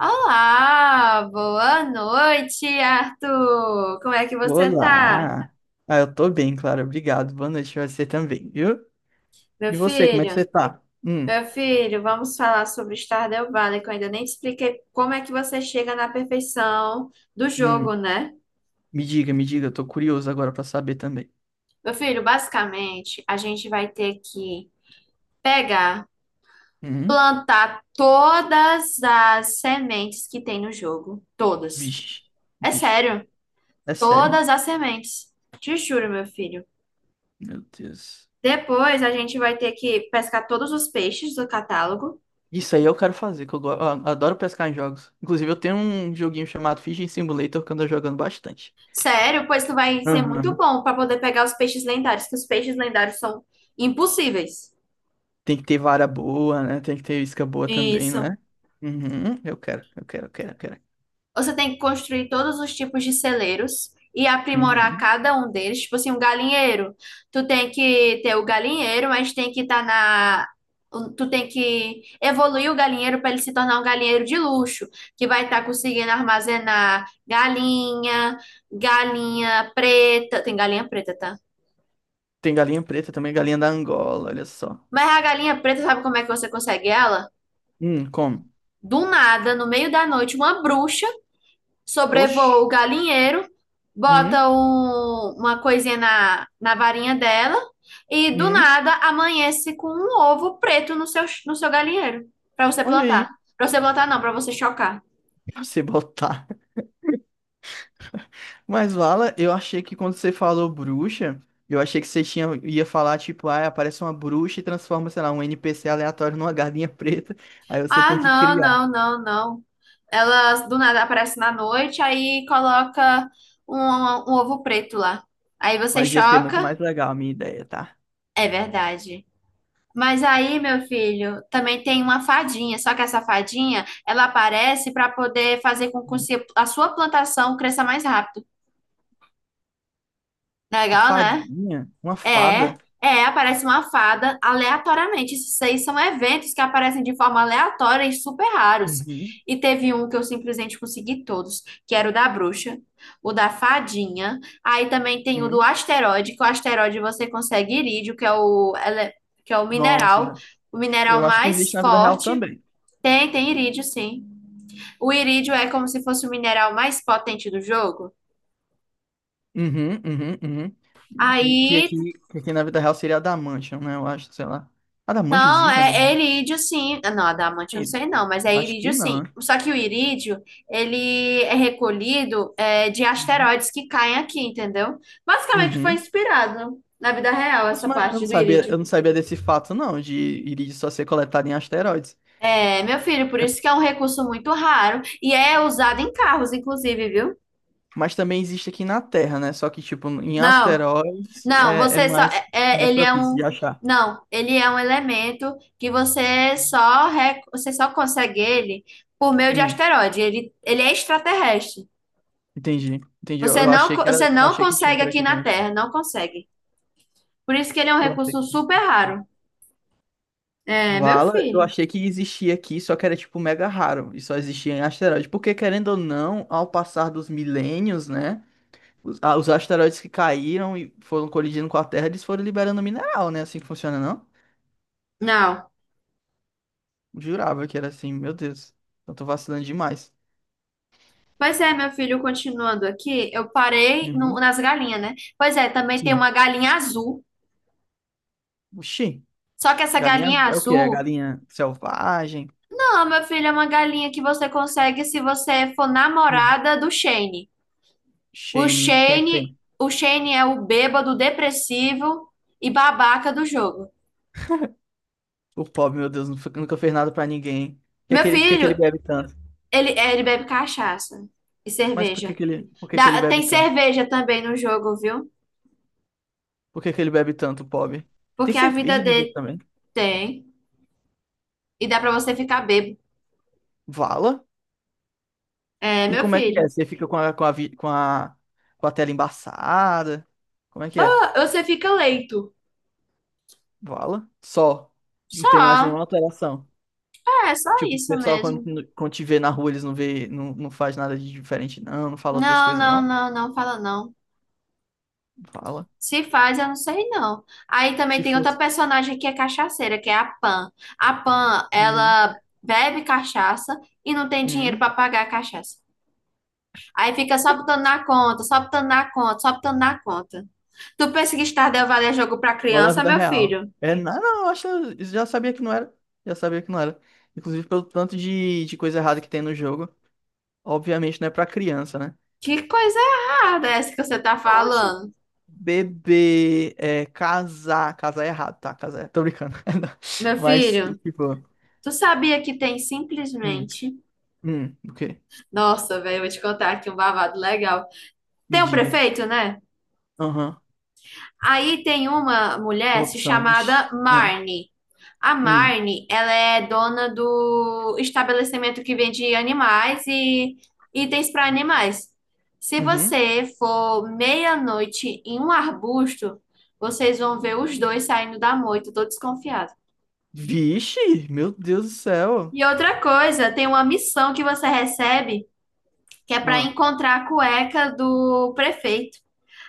Olá, boa noite, Arthur. Como é que você tá, Olá! Ah, eu tô bem, claro. Obrigado. Boa noite pra você também, viu? meu E você, como é que você filho? tá? Meu filho, vamos falar sobre o Stardew Valley, que eu ainda nem te expliquei como é que você chega na perfeição do jogo, hum. né? Me diga, me diga. Eu tô curioso agora pra saber também. Meu filho, basicamente, a gente vai ter que pegar, Hum? plantar todas as sementes que tem no jogo, todas. Vixe, É vixe. sério, É sério. todas as sementes. Te juro, meu filho. Meu Deus. Depois a gente vai ter que pescar todos os peixes do catálogo. Isso aí eu quero fazer, que eu, eu adoro pescar em jogos. Inclusive, eu tenho um joguinho chamado Fishing Simulator que eu ando jogando bastante. Sério, pois tu vai ser muito Aham. bom para poder pegar os peixes lendários, que os peixes lendários são impossíveis. Tem que ter vara boa, né? Tem que ter isca boa também, não Isso. é? Uhum. Eu quero, eu quero, eu quero, eu quero. Você tem que construir todos os tipos de celeiros e aprimorar Uhum. cada um deles. Tipo assim, um galinheiro. Tu tem que ter o galinheiro, mas tem que estar na. Tu tem que evoluir o galinheiro para ele se tornar um galinheiro de luxo, que vai estar conseguindo armazenar galinha, galinha preta. Tem galinha preta, tá? Tem galinha preta também, galinha da Angola, olha só. Mas a galinha preta, sabe como é que você consegue ela? Come. Do nada, no meio da noite, uma bruxa sobrevoa o Oxi. galinheiro, bota Hum, uma coisinha na varinha dela e do hum. nada amanhece com um ovo preto no seu galinheiro para você Olha aí, plantar. Para você plantar, não, para você chocar. pra você botar. Mas, Vala, eu achei que quando você falou bruxa, eu achei que você tinha, ia falar, tipo, ah, aparece uma bruxa e transforma, sei lá, um NPC aleatório numa galinha preta. Aí você Ah, tem que não, criar. não, não, não. Ela do nada aparece na noite, aí coloca um ovo preto lá. Aí você Mas ia ser muito choca. mais legal a minha ideia, tá? É verdade. Mas aí, meu filho, também tem uma fadinha, só que essa fadinha, ela aparece para poder fazer com que Hum. A sua plantação cresça mais rápido. A Legal, né? fadinha? Uma É, fada? é, aparece uma fada aleatoriamente. Isso aí são eventos que aparecem de forma aleatória e super raros. Uhum, E teve um que eu simplesmente consegui todos, que era o da bruxa, o da fadinha. Aí também tem o do uhum. asteroide, que o asteroide você consegue irídio, que é que é Nossa, já. o mineral Eu acho que mais existe na vida real forte. também. Tem, tem irídio, sim. O irídio é como se fosse o mineral mais potente do jogo. Uhum, uhum, uhum. E que, Aí, que aqui na vida real seria Adamantium, né? Eu acho, sei lá. Adamantium não, existe na é, vida é irídio, sim. Ah, não, adamante eu não real? sei não, mas é Acho irídio, que não. sim. Né? Só que o irídio, ele é recolhido é, de Uhum. asteroides que caem aqui, entendeu? Basicamente foi Uhum. inspirado na vida real Nossa, essa mas parte do eu irídio. não sabia desse fato, não, de irídio só ser coletado em asteroides. É, meu filho, por É, isso que é um recurso muito raro e é usado em carros, inclusive, viu? mas também existe aqui na Terra, né? Só que, tipo, em Não. asteroides Não, é você só. mais, mais Ele é propício de um. achar. Não, ele é um elemento que você só, você só consegue ele por meio de Hum, asteroide. Ele é extraterrestre. entendi, entendi. Você Eu não, achei que era, você eu não achei que tinha consegue por aqui aqui na também. Terra, não consegue. Por isso que ele é um Eu achei que recurso fosse. super raro. É, meu Vala, eu filho. achei que existia aqui, só que era tipo mega raro e só existia em asteroide. Porque querendo ou não, ao passar dos milênios, né? Os, ah, os asteroides que caíram e foram colidindo com a Terra, eles foram liberando mineral, né? Assim que funciona, não? Não. Jurava que era assim, meu Deus. Eu tô vacilando demais. Pois é, meu filho, continuando aqui, eu parei Uhum, nas galinhas, né? Pois é, também tem uma sim. galinha azul. Oxi, Só que essa galinha galinha é o que? É azul. galinha selvagem? Não, meu filho, é uma galinha que você consegue se você for Hum, namorada do Shane. O Shane, quem é Shane, Shane? o Shane é o bêbado depressivo e babaca do jogo. O pobre, meu Deus, nunca nunca fez nada pra ninguém. Por que Meu que ele, por que que ele filho, bebe tanto? ele, é, ele bebe cachaça e Mas por que cerveja. que ele, por que que ele Dá- bebe tem tanto? cerveja também no jogo, viu? Por que que ele bebe tanto, pobre? Tem Porque a vida cerveja no jogo dele também. tem. E dá pra você ficar bêbado. Vala? É, E meu como é que é? filho. Você fica com a, com a, com a, com a tela embaçada? Como é que é? Bah, você fica leito. Vala? Só. Não tem mais Só. nenhuma alteração. É, só Tipo, o isso pessoal mesmo. quando, quando te vê na rua, eles não vê, não, não faz nada de diferente, não, não fala outras Não, coisas, não, não. não, não fala não. Vala. Se faz, eu não sei não. Aí também Se tem outra fosse. personagem que é cachaceira, que é a Pan. A Pan, Uhum. ela bebe cachaça e não tem dinheiro para Uhum. pagar a cachaça. Aí fica só botando na conta, só botando na conta, só botando na conta. Tu pensa que Stardew Valley é jogo para Igual na criança, vida meu real. filho? É, não, não, eu acho, eu já sabia que não era. Já sabia que não era. Inclusive pelo tanto de coisa errada que tem no jogo. Obviamente não é pra criança, né? Que coisa errada essa que você tá Oxe. falando, Beber, é, casar. Casar é errado, tá? Casar é. Tô brincando. meu Mas, filho? tipo. Tu sabia que tem Hum, simplesmente... o quê? Nossa, velho, eu vou te contar aqui um babado legal. Me Tem um diga. prefeito, né? Aham. Aí tem uma mulher se Corrupção. chamada Vixe. Ah. Marnie. A Hum, Marnie, ela é dona do estabelecimento que vende animais e itens para animais. Se uhum. você for meia-noite em um arbusto, vocês vão ver os dois saindo da moita, tô desconfiado. Vixe, meu Deus do céu. E outra coisa, tem uma missão que você recebe, que é para Ah, encontrar a cueca do prefeito.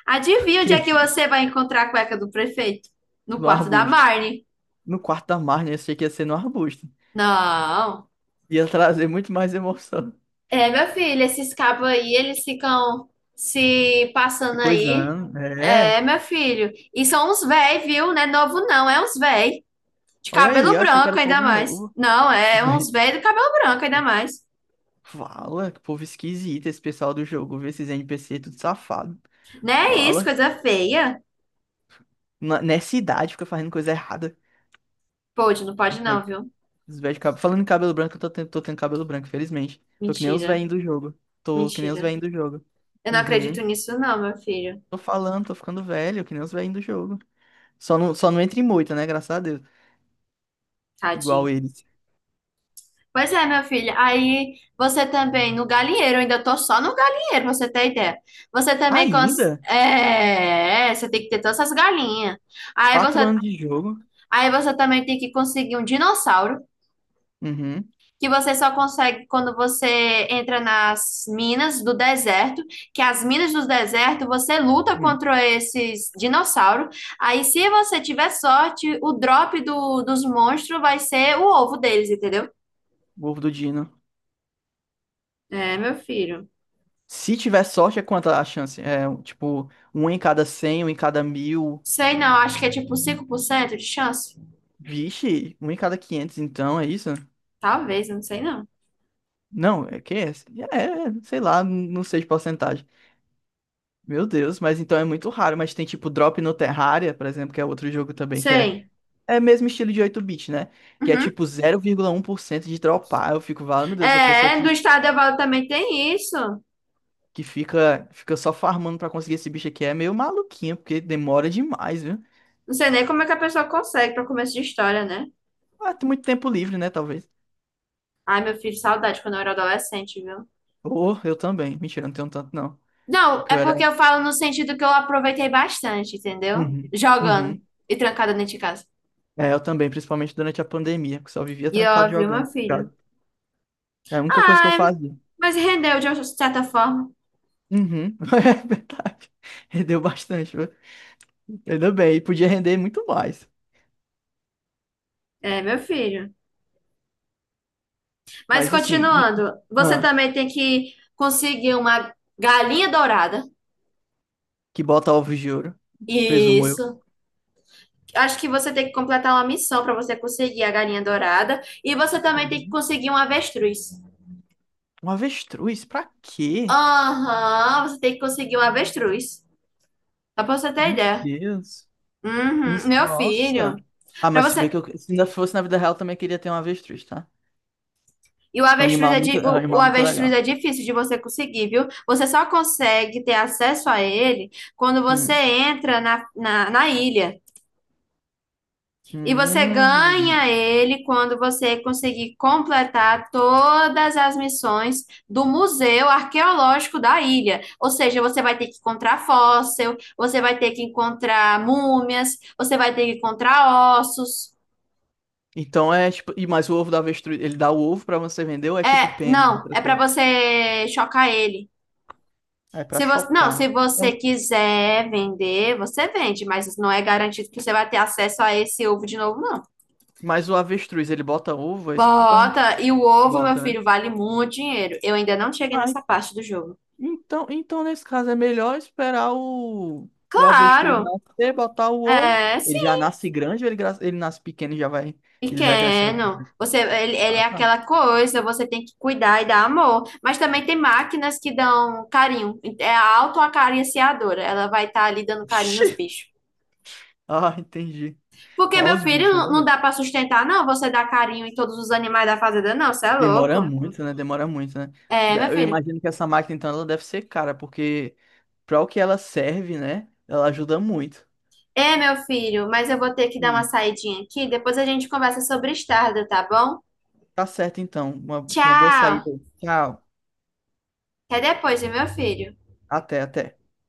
Adivinha onde é que? que você vai encontrar a cueca do prefeito? No No quarto da arbusto. Marnie. No quarto da Marne. Eu achei que ia ser no arbusto. Não. Ia trazer muito mais emoção. É, meu filho, esses cabos aí, eles ficam se Que passando coisa, aí. né? É, É. meu filho. E são uns véi, viu? Não é novo, não. É uns véi. De Olha aí, cabelo eu achei que era branco, o ainda povo mais. novo. Não, é Vé, uns véi do cabelo branco, ainda mais. fala, que povo esquisito esse pessoal do jogo. Vê esses NPC tudo safado. Não é isso, Fala. coisa feia. Nessa idade fica fazendo coisa errada. Os Pode não, velhos, viu? Falando em cabelo branco, eu tô tendo cabelo branco, felizmente. Tô que nem os Mentira. velhinhos do jogo. Tô que nem os Mentira. velhinhos do jogo. Eu não acredito Uhum. nisso, não, meu filho. Tô falando, tô ficando velho, que nem os velhinhos do jogo. Só não entra em moita, né? Graças a Deus. Igual Tadinho. eles. Pois é, minha filha. Aí você também, no galinheiro, eu ainda tô só no galinheiro, pra você ter ideia. Você também cons... Ainda? é, você tem que ter todas essas galinhas. Aí Quatro você, anos de jogo. aí você também tem que conseguir um dinossauro, Uhum. que você só consegue quando você entra nas minas do deserto, que as minas do deserto, você luta Hum. contra esses dinossauros. Aí se você tiver sorte, o drop dos monstros vai ser o ovo deles, entendeu? O ovo do Dino. É, meu filho. Se tiver sorte, é quanta a chance? É, tipo, 1 em cada 100, 1 em cada 1.000. Sei não, acho que é tipo 5% de chance. Vixe, 1 em cada 500 então, é isso? Talvez, não sei não. Não, é que é, é, sei lá, não sei de porcentagem. Meu Deus, mas então é muito raro, mas tem tipo Drop no Terraria, por exemplo, que é outro jogo também que é Sei. é mesmo estilo de 8 bit, né? Que é Uhum. tipo 0,1% de dropar. Eu fico, vale, meu Deus, a pessoa É, do estado Evaldo também tem isso. que fica só farmando pra conseguir esse bicho aqui é meio maluquinha, porque demora demais, viu? Não sei nem como é que a pessoa consegue para começo de história, né? Ah, tem muito tempo livre, né, talvez. Ai, meu filho, saudade quando eu era adolescente, viu? Ou eu também. Mentira, eu não tenho tanto não, Não, porque é eu era porque eu falo no sentido que eu aproveitei bastante, entendeu? uhum, Jogando uhum. e trancada dentro de casa. É, eu também, principalmente durante a pandemia, que só vivia E trancado ó, viu, meu jogando. filho? É a única coisa que eu Ai, fazia. mas rendeu de uma certa forma. Uhum. É verdade. Rendeu bastante, viu? Ainda bem. E podia render muito mais. É, meu filho. Mas Mas assim, continuando, você ah, também tem que conseguir uma galinha dourada. que bota ovos de ouro, presumo eu. Isso. Acho que você tem que completar uma missão para você conseguir a galinha dourada. E você também tem que Uhum. conseguir um avestruz. Um avestruz? Pra quê? Aham, você tem que conseguir um avestruz. Só pra você ter Meu ideia. Deus. Uhum, meu Nossa. filho. Ah, Pra mas se bem você. que eu, se ainda fosse na vida real, eu também queria ter um avestruz, tá? E o É um avestruz animal é muito, é um o animal muito avestruz legal. é difícil de você conseguir, viu? Você só consegue ter acesso a ele quando você Hum. entra na ilha. E você Hum. ganha ele quando você conseguir completar todas as missões do Museu Arqueológico da ilha. Ou seja, você vai ter que encontrar fóssil, você vai ter que encontrar múmias, você vai ter que encontrar ossos. Então é tipo. E mais o ovo da avestruz. Ele dá o ovo pra você vender ou é tipo É, pena, não, é outras para coisas? você chocar ele. Ah, é pra Se você, não, chocar. se É um você quiser vender, você vende, mas não é garantido que você vai ter acesso a esse ovo de novo, não. mas o avestruz, ele bota ovo? É isso que tu perguntou. Bota, e o ovo, meu Bota, né? filho, vale muito dinheiro. Eu ainda não cheguei Ah, nessa parte do jogo. então, então nesse caso é melhor esperar o avestruz Claro, nascer, botar o ovo. é, sim, Ele já nasce grande ou ele, ele nasce pequeno e já vai. Ele vai crescendo. pequeno. Você, ele é Ah, tá. aquela coisa, você tem que cuidar e dar amor. Mas também tem máquinas que dão carinho. É a autoacariciadora, ela vai estar ali dando carinho Vixe! nos bichos. Ah, entendi. Porque, Olha meu os filho, bichos, não ainda não bem. dá para sustentar, não, você dá carinho em todos os animais da fazenda, não, você é Demora louco. muito, né? Demora muito, né? É, meu Eu filho. imagino que essa máquina, então, ela deve ser cara, porque para o que ela serve, né? Ela ajuda muito. É, meu filho, mas eu vou ter que dar uma Hum. saidinha aqui, depois a gente conversa sobre estarda, tá bom? Tá certo, então. Uma boa Tchau. saída. Aí. Tchau. Até depois, viu, meu filho. Até, até.